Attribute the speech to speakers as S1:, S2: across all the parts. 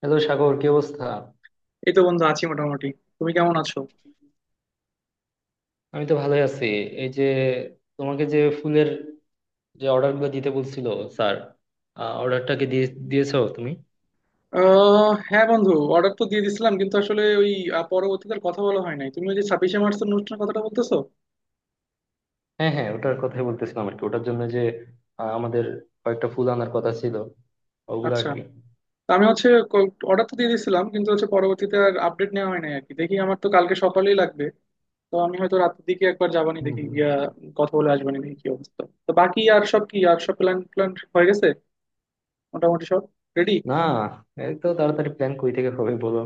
S1: Hello Sagar কি অবস্থা?
S2: এই তো বন্ধু আছি মোটামুটি। তুমি কেমন আছো?
S1: আমি তো ভালোই আছি। এই যে, তোমাকে যে ফুলের যে অর্ডার গুলো দিতে বলছিল স্যার, অর্ডারটা কি দিয়ে দিয়েছো তুমি?
S2: হ্যাঁ বন্ধু, অর্ডার তো দিয়ে দিছিলাম, কিন্তু আসলে ওই পরবর্তীতে আর কথা বলা হয় নাই। তুমি ওই যে 26শে মার্চের অনুষ্ঠানের কথাটা বলতেছো?
S1: হ্যাঁ হ্যাঁ, ওটার কথাই বলতেছিলাম আর কি। ওটার জন্য যে আমাদের কয়েকটা ফুল আনার কথা ছিল, ওগুলো আর
S2: আচ্ছা,
S1: কি।
S2: তা আমি হচ্ছে অর্ডার তো দিয়ে দিছিলাম, কিন্তু হচ্ছে পরবর্তীতে আর আপডেট নেওয়া হয় নাই আর কি। দেখি, আমার তো কালকে সকালেই লাগবে। তো আমি হয়তো রাতের দিকে একবার যাবানি,
S1: হম
S2: দেখি
S1: হম।
S2: গিয়া কথা বলে আসবানি, দেখি কি অবস্থা। তো বাকি আর সব কি, আর সব প্ল্যান প্ল্যান হয়ে গেছে মোটামুটি, সব রেডি?
S1: না, এই তো তাড়াতাড়ি প্ল্যান কই থেকে হবে বলো?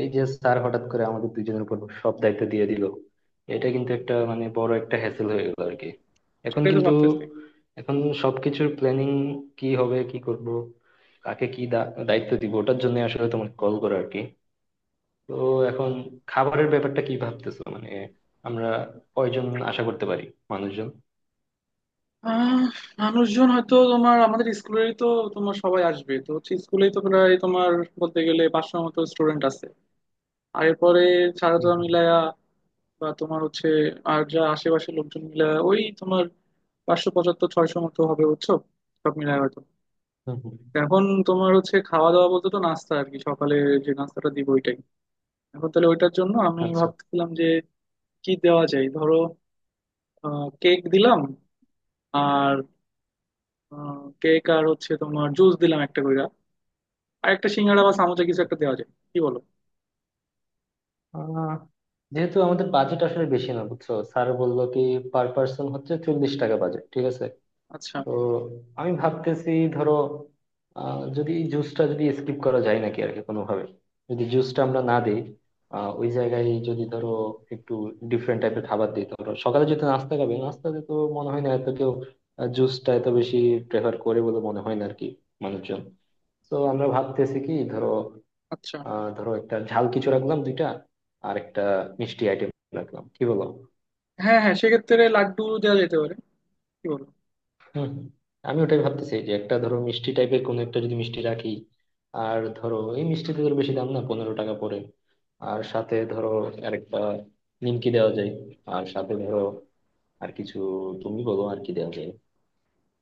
S1: এই যে স্যার হঠাৎ করে আমাদের দুইজনের উপর সব দায়িত্ব দিয়ে দিল, এটা কিন্তু একটা মানে বড় একটা হ্যাসেল হয়ে গেল আর কি। এখন
S2: সেটাই তো
S1: কিন্তু
S2: ভাবতেছি।
S1: এখন সবকিছুর প্ল্যানিং কি হবে, কি করব, কাকে কি দায়িত্ব দিব, ওটার জন্য আসলে তোমাকে কল করা আর কি। তো এখন খাবারের ব্যাপারটা কি ভাবতেছো, মানে আমরা কয়জন আশা করতে পারি মানুষজন?
S2: আহ মানুষজন হয়তো তোমার আমাদের স্কুলেরই তো। তোমার সবাই আসবে তো, হচ্ছে স্কুলেই তো প্রায় তোমার বলতে গেলে পাঁচশোর মতো স্টুডেন্ট আছে। আর এরপরে
S1: হুম
S2: ছাত্ররা
S1: হুম।
S2: মিলায়া বা তোমার হচ্ছে আর যা আশেপাশের লোকজন মিলায়া, ওই তোমার পাঁচশো পঁচাত্তর ছয়শো মতো হবে বুঝছো, সব মিলায় হয়তো।
S1: হুম হুম।
S2: এখন তোমার হচ্ছে খাওয়া দাওয়া বলতে তো নাস্তা আর কি, সকালে যে নাস্তাটা দিব ওইটাই। এখন তাহলে ওইটার জন্য আমি
S1: আচ্ছা।
S2: ভাবতেছিলাম যে কি দেওয়া যায়, ধরো কেক দিলাম, আর কেক আর হচ্ছে তোমার জুস দিলাম একটা করে, আর একটা সিঙ্গাড়া বা সামোসা কিছু একটা দেওয়া যায়, কি বলো?
S1: আহ, যেহেতু আমাদের বাজেট আসলে বেশি না, বুঝছো, স্যার বললো কি পার পার্সন হচ্ছে 40 টাকা বাজেট, ঠিক আছে।
S2: আচ্ছা
S1: তো আমি ভাবতেছি ধরো, যদি জুসটা যদি স্কিপ করা যায় নাকি আর কি, কোনোভাবে যদি জুসটা আমরা না দিই, ওই জায়গায় যদি ধরো একটু ডিফারেন্ট টাইপের খাবার দিই। ধরো সকালে যদি নাস্তা খাবে, নাস্তাতে তো মনে হয় না এত কেউ জুসটা এত বেশি প্রেফার করে বলে মনে হয় না আর কি মানুষজন। তো আমরা ভাবতেছি কি, ধরো
S2: আচ্ছা।
S1: ধরো একটা ঝাল কিছু রাখলাম দুইটা, আর একটা মিষ্টি আইটেম রাখলাম, কি বলো?
S2: হ্যাঁ হ্যাঁ, সেক্ষেত্রে লাড্ডু দেওয়া যেতে পারে, কি বলো?
S1: হুম হুম। আমি ওটাই ভাবতেছি, যে একটা ধরো মিষ্টি টাইপের কোনো একটা, যদি মিষ্টি রাখি আর ধরো এই মিষ্টিতে ধরো বেশি দাম না, 15 টাকা পড়ে। আর সাথে ধরো আরেকটা নিমকি দেওয়া যায়। আর সাথে ধরো আর কিছু তুমি বলো আর কি দেওয়া যায়।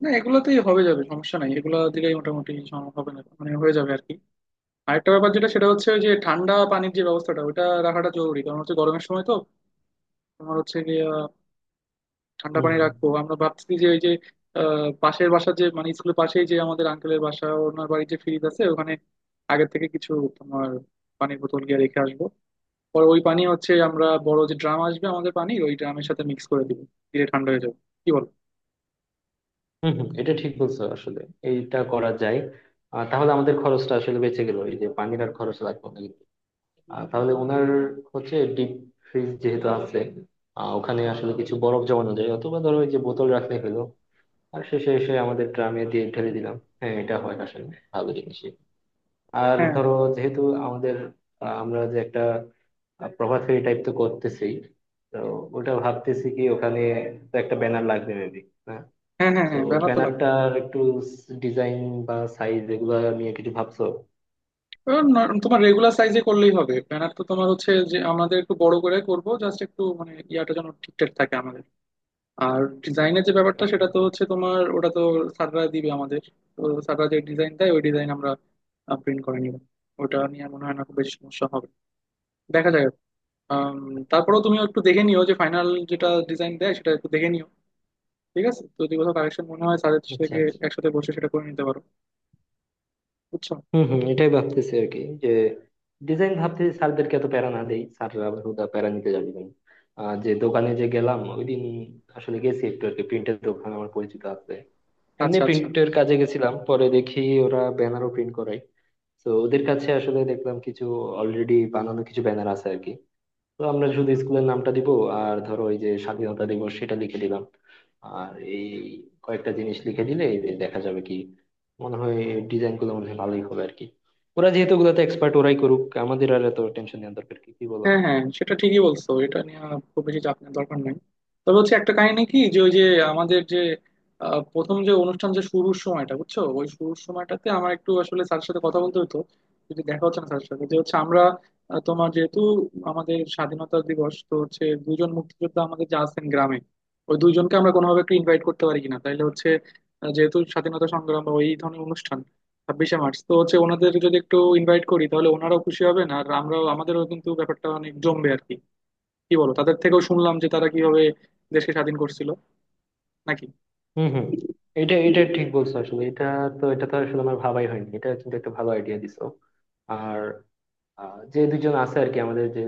S2: না, এগুলোতেই হবে, যাবে, সমস্যা নাই, এগুলো দিলেই মোটামুটি হবে, না মানে হয়ে যাবে আর কি। আরেকটা ব্যাপার যেটা, সেটা হচ্ছে ওই যে ঠান্ডা পানির যে ব্যবস্থাটা, ওটা রাখাটা জরুরি, কারণ হচ্ছে গরমের সময় তো। তোমার হচ্ছে যে ঠান্ডা
S1: হুম
S2: পানি
S1: হুম।
S2: রাখবো, আমরা ভাবছি যে ওই যে পাশের বাসার যে মানে স্কুলের পাশেই যে আমাদের আঙ্কেলের বাসা, ওনার বাড়ির যে ফ্রিজ আছে ওখানে আগে থেকে কিছু তোমার পানির বোতল গিয়ে রেখে আসবো। পরে ওই পানি হচ্ছে আমরা বড় যে ড্রাম আসবে আমাদের, পানি ওই ড্রামের সাথে মিক্স করে দিব, দিয়ে ঠান্ডা হয়ে যাবে, কি বল?
S1: হুম হুম, এটা ঠিক বলছো আসলে, এইটা করা যায়। আর তাহলে আমাদের খরচটা আসলে বেঁচে গেল, এই যে পানির আর খরচ লাগবে না। তাহলে ওনার হচ্ছে ডিপ ফ্রিজ যেহেতু আছে, ওখানে আসলে কিছু বরফ জমানো যায়, অথবা ধরো ওই যে বোতল রাখতে হলো, আর শেষে এসে আমাদের ড্রামে দিয়ে ঢেলে দিলাম। হ্যাঁ, এটা হয় আসলে ভালো জিনিসই। আর
S2: হ্যাঁ
S1: ধরো যেহেতু আমাদের আমরা যে একটা প্রভাত ফেরি টাইপ তো করতেছি, তো ওটা ভাবতেছি কি, ওখানে তো একটা ব্যানার লাগবে মেবি। হ্যাঁ।
S2: হ্যাঁ হ্যাঁ,
S1: তো
S2: হ্যাঁ ব্যানার তো লাগবে।
S1: ব্যানারটার একটু ডিজাইন বা সাইজ এগুলো নিয়ে কিছু ভাবছো?
S2: এবার তোমার রেগুলার সাইজে করলেই হবে। ব্যানার তো তোমার হচ্ছে যে আমাদের একটু বড় করে করব, জাস্ট একটু মানে ইয়াটা যেন ঠিকঠাক থাকে আমাদের। আর ডিজাইনের যে ব্যাপারটা,
S1: আচ্ছা।
S2: সেটা তো হচ্ছে তোমার ওটা তো স্যাররা দিবে আমাদের। তো স্যাররা যে ডিজাইন দেয় ওই ডিজাইন আমরা প্রিন্ট করে নিব। ওটা নিয়ে মনে হয় না খুব বেশি সমস্যা হবে, দেখা যাক। আম, তারপরেও তুমিও একটু দেখে নিও যে ফাইনাল যেটা ডিজাইন দেয় সেটা একটু দেখে নিও, ঠিক আছে? তো যদি কোথাও কারেকশন মনে হয় স্যারের
S1: আচ্ছা।
S2: থেকে, একসাথে বসে সেটা করে নিতে পারো, বুঝছো?
S1: হম হম, এটাই ভাবতেছি আর কি, যে ডিজাইন ভাবতেছি স্যারদেরকে এত প্যারা না দেই, স্যাররা আবার হুদা প্যারা নিতে যাবে কেন। আর যে দোকানে যে গেলাম ওই দিন, আসলে গেছি একটু আর কি, প্রিন্টের দোকান আমার পরিচিত আছে। এমনি
S2: আচ্ছা আচ্ছা।
S1: প্রিন্টের কাজে গেছিলাম, পরে দেখি ওরা ব্যানারও প্রিন্ট করায়। তো ওদের কাছে আসলে দেখলাম, কিছু অলরেডি বানানো কিছু ব্যানার আছে আর কি। তো আমরা শুধু স্কুলের নামটা দিব, আর ধরো ওই যে স্বাধীনতা দিবস সেটা লিখে দিলাম, আর এই কয়েকটা জিনিস লিখে দিলে এই যে দেখা যাবে কি মনে হয় ডিজাইন গুলো মনে হয় ভালোই হবে আর কি। ওরা যেহেতু ওগুলোতে এক্সপার্ট, ওরাই করুক, আমাদের আর এত টেনশন নেওয়ার দরকার কি, কি বলো?
S2: হ্যাঁ হ্যাঁ, সেটা ঠিকই বলছো, এটা নিয়ে খুব বেশি চাপ নেওয়ার দরকার নাই। তবে হচ্ছে একটা কাহিনী কি, যে ওই যে আমাদের যে প্রথম যে অনুষ্ঠান যে শুরুর সময়টা বুঝছো, ওই শুরুর সময়টাতে আমার একটু আসলে স্যারের সাথে কথা বলতে হতো। যদি দেখা হচ্ছে না স্যারের সাথে, যে হচ্ছে আমরা তোমার যেহেতু আমাদের স্বাধীনতা দিবস, তো হচ্ছে দুজন মুক্তিযোদ্ধা আমাদের যে আছেন গ্রামে, ওই দুইজনকে আমরা কোনোভাবে একটু ইনভাইট করতে পারি কিনা, তাইলে হচ্ছে যেহেতু স্বাধীনতা সংগ্রাম বা ওই ধরনের অনুষ্ঠান, 26শে মার্চ, তো হচ্ছে ওনাদের যদি একটু ইনভাইট করি তাহলে ওনারাও খুশি হবেন, আর আমরাও, আমাদেরও কিন্তু ব্যাপারটা অনেক জমবে আর কি। কি বলো, তাদের থেকেও শুনলাম যে তারা কিভাবে দেশকে স্বাধীন করছিল, নাকি?
S1: হুম হুম। এটা এটা ঠিক বলছো আসলে, এটা তো আসলে আমার ভাবাই হয়নি, এটা কিন্তু একটা ভালো আইডিয়া দিছো। আহ, যে দুজন আছে আর কি আমাদের, যে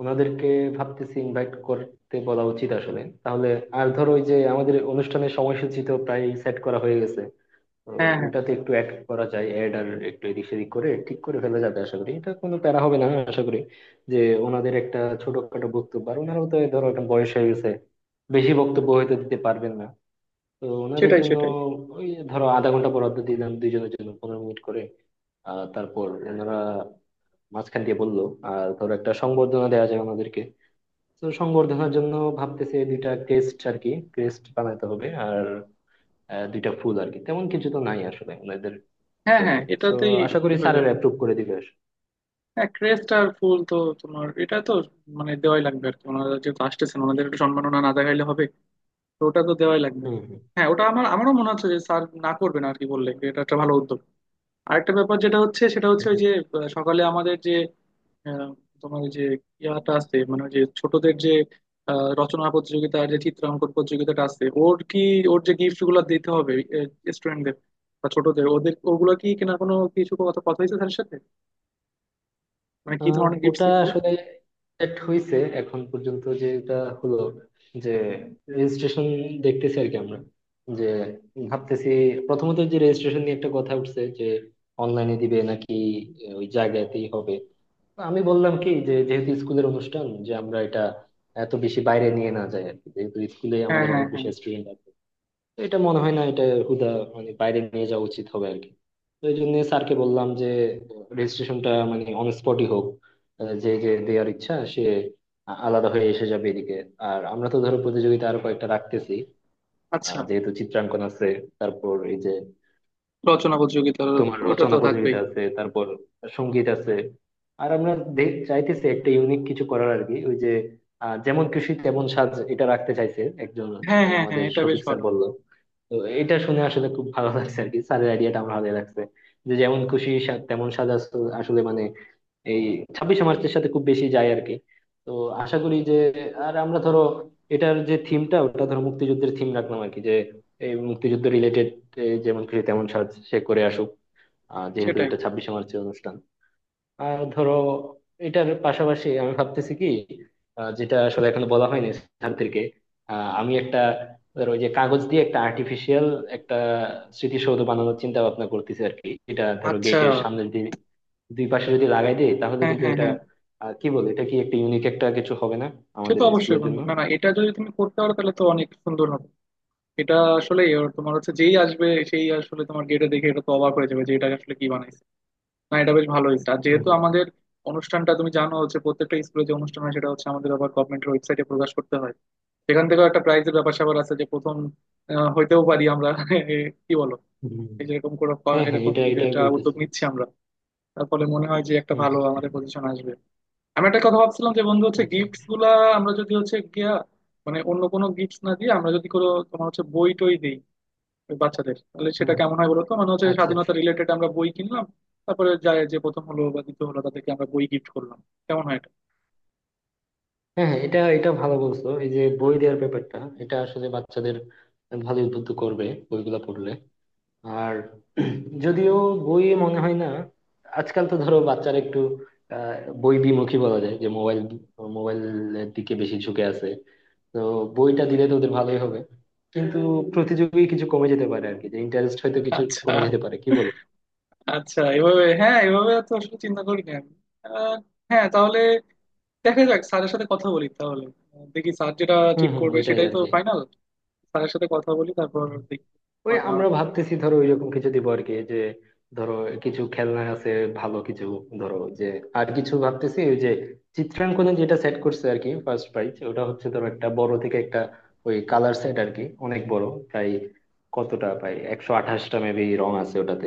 S1: ওনাদেরকে ভাবতেছি ইনভাইট করতে বলা উচিত আসলে, তাহলে আর ধরো ওই যে আমাদের অনুষ্ঠানের সময়সূচি তো প্রায় সেট করা হয়ে গেছে, তো
S2: হ্যাঁ হ্যাঁ।
S1: ওটাতে একটু অ্যাড করা যায়, অ্যাড আর একটু এদিক সেদিক করে ঠিক করে ফেলা যাবে, আশা করি এটা কোনো প্যারা হবে না, হ্যাঁ, আশা করি। যে ওনাদের একটা ছোটখাটো বক্তব্য, আর ওনারাও তো ধরো একটা বয়স হয়ে গেছে, বেশি বক্তব্য হয়তো দিতে পারবেন না, তো ওনাদের
S2: সেটাই
S1: জন্য
S2: সেটাই।
S1: ওই ধরো আধা ঘন্টা বরাদ্দ দিলাম, দুইজনের জন্য 15 মিনিট করে। আহ, তারপর ওনারা মাঝখান দিয়ে বললো, আর ধরো একটা সংবর্ধনা দেওয়া যায় আমাদেরকে। তো সংবর্ধনার জন্য ভাবতেছে দুইটা ক্রেস্ট আর কি, ক্রেস্ট বানাতে হবে, আর দুইটা ফুল আর কি, তেমন কিছু তো নাই আসলে ওনাদের
S2: হ্যাঁ
S1: জন্য।
S2: হ্যাঁ,
S1: তো
S2: এটাতেই
S1: আশা করি
S2: হয়ে
S1: স্যারের
S2: যাবে।
S1: অ্যাপ্রুভ করে দিবে।
S2: হ্যাঁ, ক্রেস্ট আর ফুল তো তোমার এটা তো মানে দেওয়াই লাগবে আর কি, ওনারা যেহেতু আসতেছেন, ওনাদের একটু সম্মাননা না দেখাইলে হবে? তো ওটা তো দেওয়াই লাগবে।
S1: হুম হুম।
S2: হ্যাঁ, ওটা আমার, আমারও মনে হচ্ছে যে স্যার না করবেন আর কি বললে, এটা একটা ভালো উদ্যোগ। আরেকটা ব্যাপার যেটা হচ্ছে, সেটা
S1: হুম,
S2: হচ্ছে ওই
S1: হুম।
S2: যে সকালে আমাদের যে আহ, তোমার ওই যে ইয়াটা আছে, মানে ওই যে ছোটদের যে রচনা প্রতিযোগিতা আর যে চিত্রাঙ্কন প্রতিযোগিতাটা আছে, ওর কি, ওর যে গিফট গুলো দিতে হবে স্টুডেন্টদের বা ছোটদের, ওদের ওগুলো কি কিনা কোনো কিছু কথা কথা হয়েছে তার সাথে, মানে কি
S1: আহ,
S2: ধরনের গিফট
S1: ওটা
S2: কিনবো?
S1: আসলে সেট হয়েছে এখন পর্যন্ত, যে এটা হলো যে রেজিস্ট্রেশন দেখতেছি আর কি আমরা, যে ভাবতেছি, প্রথমত যে রেজিস্ট্রেশন নিয়ে একটা কথা উঠছে যে অনলাইনে দিবে নাকি ওই জায়গাতেই হবে। না, আমি বললাম কি, যে যেহেতু স্কুলের অনুষ্ঠান, যে আমরা এটা এত বেশি বাইরে নিয়ে না যাই আর কি, যেহেতু স্কুলে
S2: হ্যাঁ
S1: আমাদের
S2: হ্যাঁ
S1: অনেক
S2: হ্যাঁ।
S1: বেশি স্টুডেন্ট আছে। তো এটা মনে হয় না, এটা হুদা মানে বাইরে নিয়ে যাওয়া উচিত হবে আর কি। তো এই জন্য স্যারকে বললাম যে রেজিস্ট্রেশনটা মানে অন স্পটই হোক, যে যে দেওয়ার ইচ্ছা সে আলাদা হয়ে এসে যাবে এদিকে। আর আমরা তো ধরো প্রতিযোগিতা আরো কয়েকটা রাখতেছি,
S2: আচ্ছা,
S1: যেহেতু চিত্রাঙ্কন আছে, তারপর এই যে
S2: রচনা প্রতিযোগিতা
S1: তোমার
S2: ওটা তো
S1: রচনা
S2: থাকবেই।
S1: প্রতিযোগিতা আছে, তারপর সঙ্গীত আছে। আর আমরা চাইতেছি একটা ইউনিক কিছু করার আর কি, ওই যে যেমন খুশি তেমন সাজ, এটা রাখতে চাইছে একজন,
S2: হ্যাঁ
S1: এই
S2: হ্যাঁ হ্যাঁ,
S1: আমাদের
S2: এটা বেশ
S1: শফিক স্যার
S2: ভালো।
S1: বললো। তো এটা শুনে আসলে খুব ভালো লাগছে আর কি, স্যারের আইডিয়াটা আমার ভালো লাগছে। যে যেমন খুশি তেমন আসলে মানে এই 26শে মার্চের সাথে খুব বেশি যায় আর কি। তো আশা করি যে, আর আমরা ধরো এটার যে থিমটা, ওটা ধরো মুক্তিযুদ্ধের থিম রাখলাম আর কি, যে এই মুক্তিযুদ্ধ রিলেটেড যেমন খুশি তেমন সাজ সে করে আসুক, যেহেতু
S2: সেটাই।
S1: এটা 26শে মার্চের অনুষ্ঠান। আর ধরো এটার পাশাপাশি আমি ভাবতেছি কি, যেটা আসলে এখনো বলা হয়নি ছাত্রীকে, আমি একটা ধরো ওই যে কাগজ দিয়ে একটা আর্টিফিশিয়াল একটা স্মৃতিসৌধ বানানোর চিন্তা ভাবনা করতেছি আর কি। এটা ধরো
S2: আচ্ছা।
S1: গেটের সামনে যদি দুই পাশে যদি লাগাই দিই তাহলে
S2: হ্যাঁ
S1: কিন্তু
S2: হ্যাঁ
S1: এটা
S2: হ্যাঁ,
S1: কি বলে, এটা কি একটা ইউনিক একটা কিছু হবে না
S2: সে তো
S1: আমাদের
S2: অবশ্যই
S1: স্কুলের
S2: বন্ধু,
S1: জন্য?
S2: না না, এটা যদি তুমি করতে পারো তাহলে তো অনেক সুন্দর হবে। এটা আসলে ওর তোমার হচ্ছে যেই আসবে সেই আসলে তোমার গেটে দেখে এটা তো অবাক হয়ে যাবে যে এটা আসলে কি বানাইছে। না, এটা বেশ ভালো হয়েছে। আর
S1: হুম
S2: যেহেতু
S1: হুম।
S2: আমাদের অনুষ্ঠানটা তুমি জানো হচ্ছে প্রত্যেকটা স্কুলে যে অনুষ্ঠান হয় সেটা হচ্ছে আমাদের আবার গভর্নমেন্টের ওয়েবসাইটে প্রকাশ করতে হয়। সেখান থেকেও একটা প্রাইজের ব্যাপার স্যাপার আছে, যে প্রথম হইতেও পারি আমরা এ, কি বলো,
S1: হুম।
S2: এই যে এরকম করে
S1: হ্যাঁ হ্যাঁ,
S2: এরকম
S1: এটা এটাই
S2: যেটা উদ্যোগ
S1: বলতেছি।
S2: নিচ্ছি আমরা, তার ফলে মনে হয় যে একটা
S1: হম
S2: ভালো
S1: হম।
S2: আমাদের পজিশন আসবে। আমি একটা কথা ভাবছিলাম যে বন্ধু হচ্ছে
S1: আচ্ছা।
S2: গিফটস গুলা আমরা যদি হচ্ছে গিয়া মানে অন্য কোনো গিফটস না দিয়ে, আমরা যদি কোনো তোমার হচ্ছে বই টই দিই বাচ্চাদের, তাহলে সেটা
S1: হুম।
S2: কেমন হয় বলতো? মানে হচ্ছে
S1: আচ্ছা
S2: স্বাধীনতা
S1: আচ্ছা।
S2: রিলেটেড আমরা বই কিনলাম, তারপরে যায় যে প্রথম হলো বা দ্বিতীয় হলো তাদেরকে আমরা বই গিফট করলাম, কেমন হয় এটা?
S1: হ্যাঁ হ্যাঁ, এটা এটা ভালো বলছো, এই যে বই দেওয়ার ব্যাপারটা, এটা আসলে বাচ্চাদের ভালো উদ্বুদ্ধ করবে বইগুলা পড়লে। আর যদিও বইয়ে মনে হয় না, আজকাল তো ধরো বাচ্চারা একটু আহ, বই বিমুখী বলা যায়, যে মোবাইল মোবাইলের দিকে বেশি ঝুঁকে আছে। তো বইটা দিলে তো ওদের ভালোই হবে, কিন্তু প্রতিযোগী কিছু কমে যেতে পারে আর কি, যে ইন্টারেস্ট হয়তো কিছু
S2: আচ্ছা
S1: কমে যেতে পারে, কি বলো?
S2: আচ্ছা, এভাবে, হ্যাঁ এভাবে তো আসলে চিন্তা করিনি আমি। আহ, হ্যাঁ তাহলে দেখা যাক, স্যারের সাথে কথা বলি তাহলে। দেখি স্যার যেটা
S1: হম
S2: ঠিক
S1: হম,
S2: করবে
S1: এটাই
S2: সেটাই
S1: আর
S2: তো
S1: কি।
S2: ফাইনাল। স্যারের সাথে কথা বলি, তারপর দেখি
S1: ওই
S2: হয় না
S1: আমরা
S2: হয়।
S1: ভাবতেছি ধরো ওইরকম কিছু দিব আর কি, যে ধরো কিছু খেলনা আছে ভালো কিছু, ধরো যে। আর কিছু ভাবতেছি, ওই যে চিত্রাঙ্কনে যেটা সেট করছে আর কি, ফার্স্ট প্রাইজ ওটা হচ্ছে ধরো একটা বড় থেকে একটা ওই কালার সেট আর কি, অনেক বড়, প্রায় কতটা প্রায় 128টা মেবি রং আছে ওটাতে।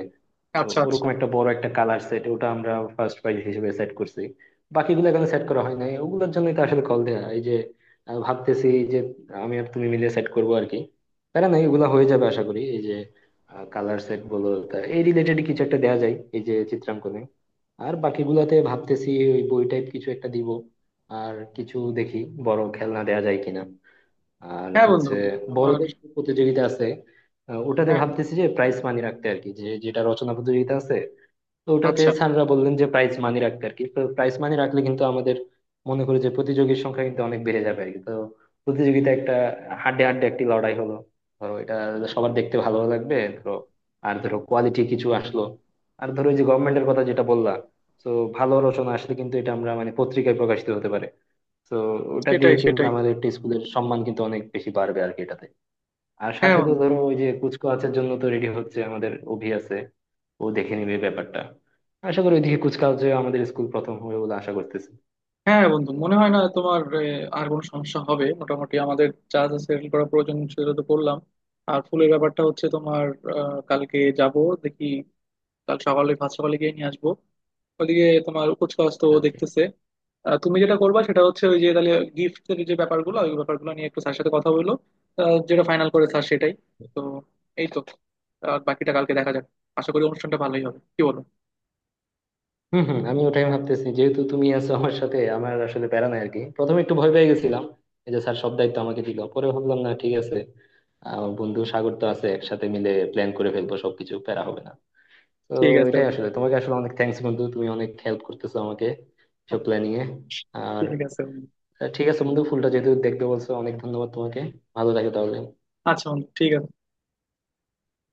S1: তো
S2: আচ্ছা আচ্ছা।
S1: ওরকম একটা বড় একটা কালার সেট ওটা আমরা ফার্স্ট প্রাইজ হিসেবে সেট করছি। বাকিগুলো এখনো সেট করা হয় নাই, ওগুলোর জন্যই তো আসলে কল দেয়া এই যে। ভাবতেছি যে আমি আর তুমি মিলে সেট করবো আর কি, প্যারা নাই এগুলো হয়ে যাবে আশা করি। এই যে কালার সেট বলো তা, এই রিলেটেড কিছু একটা দেয়া যায় এই যে চিত্রাঙ্কনে, আর বাকিগুলাতে ভাবতেছি ওই বই টাইপ কিছু একটা দিব। আর কিছু দেখি বড় খেলনা দেয়া যায় কিনা। আর
S2: হ্যাঁ বন্ধু,
S1: হচ্ছে
S2: তোমার।
S1: বড়দের যে প্রতিযোগিতা আছে, ওটাতে
S2: হ্যাঁ হ্যাঁ।
S1: ভাবতেছি যে প্রাইজ মানি রাখতে আর কি, যে যেটা রচনা প্রতিযোগিতা আছে তো ওটাতে
S2: আচ্ছা।
S1: স্যাররা বললেন যে প্রাইজ মানি রাখতে আর কি। তো প্রাইজ মানি রাখলে কিন্তু আমাদের মনে করি যে প্রতিযোগীর সংখ্যা কিন্তু অনেক বেড়ে যাবে আর কি, তো প্রতিযোগিতা একটা হাড্ডে হাড্ডে একটি লড়াই হলো ধরো, এটা সবার দেখতে ভালো লাগবে ধরো, আর ধরো কোয়ালিটি কিছু আসলো। আর ধরো এই যে গভর্নমেন্টের কথা যেটা বললা, তো ভালো রচনা আসলে কিন্তু এটা আমরা মানে পত্রিকায় প্রকাশিত হতে পারে, তো ওটা দিয়ে
S2: সেটাই
S1: কিন্তু
S2: সেটাই।
S1: আমাদের একটা স্কুলের সম্মান কিন্তু অনেক বেশি বাড়বে আর কি এটাতে। আর
S2: হ্যাঁ
S1: সাথে তো
S2: বন্ধু।
S1: ধরো ওই যে কুচকাওয়াজের জন্য তো রেডি হচ্ছে, আমাদের অভি আছে, ও দেখে নিবে ব্যাপারটা। আশা করি ওইদিকে কুচকাওয়াজে আমাদের স্কুল প্রথম হবে বলে আশা করতেছি।
S2: হ্যাঁ বন্ধু, মনে হয় না তোমার আর কোনো সমস্যা হবে। মোটামুটি আমাদের যা যা সেটেল করা প্রয়োজন সেটা তো করলাম। আর ফুলের ব্যাপারটা হচ্ছে তোমার কালকে যাব, দেখি। কাল সকালে, ভাত সকালে গিয়ে নিয়ে আসবো। ওদিকে তোমার কুচকাওয়াজ তো
S1: আচ্ছা।
S2: দেখতেছে। তুমি যেটা করবা সেটা হচ্ছে ওই যে তাহলে গিফটের যে ব্যাপারগুলো, ওই ব্যাপারগুলো নিয়ে একটু স্যার সাথে কথা বললো, যেটা ফাইনাল করে স্যার সেটাই। তো এই তো, আর বাকিটা কালকে দেখা যাক। আশা করি অনুষ্ঠানটা ভালোই হবে, কি বলো?
S1: হম হম, আমি ওটাই ভাবতেছি, যেহেতু তুমি আছো আমার সাথে, আমার আসলে প্যারা নাই আর কি। প্রথমে একটু ভয় পেয়ে গেছিলাম, এই যে স্যার সব দায়িত্ব আমাকে দিল, পরে ভাবলাম না ঠিক আছে, আহ বন্ধু সাগর তো আছে, একসাথে মিলে প্ল্যান করে ফেলবো সবকিছু, প্যারা হবে না। তো
S2: ঠিক আছে
S1: এটাই
S2: বন্ধু।
S1: আসলে, তোমাকে আসলে অনেক থ্যাঙ্কস বন্ধু, তুমি অনেক হেল্প করতেছো আমাকে সব প্ল্যানিং এ। আর
S2: ঠিক আছে বন্ধু।
S1: ঠিক আছে বন্ধু, ফুলটা যেহেতু দেখতে বলছো, অনেক ধন্যবাদ তোমাকে। ভালো থাকো তাহলে।
S2: আচ্ছা বন্ধু, ঠিক আছে।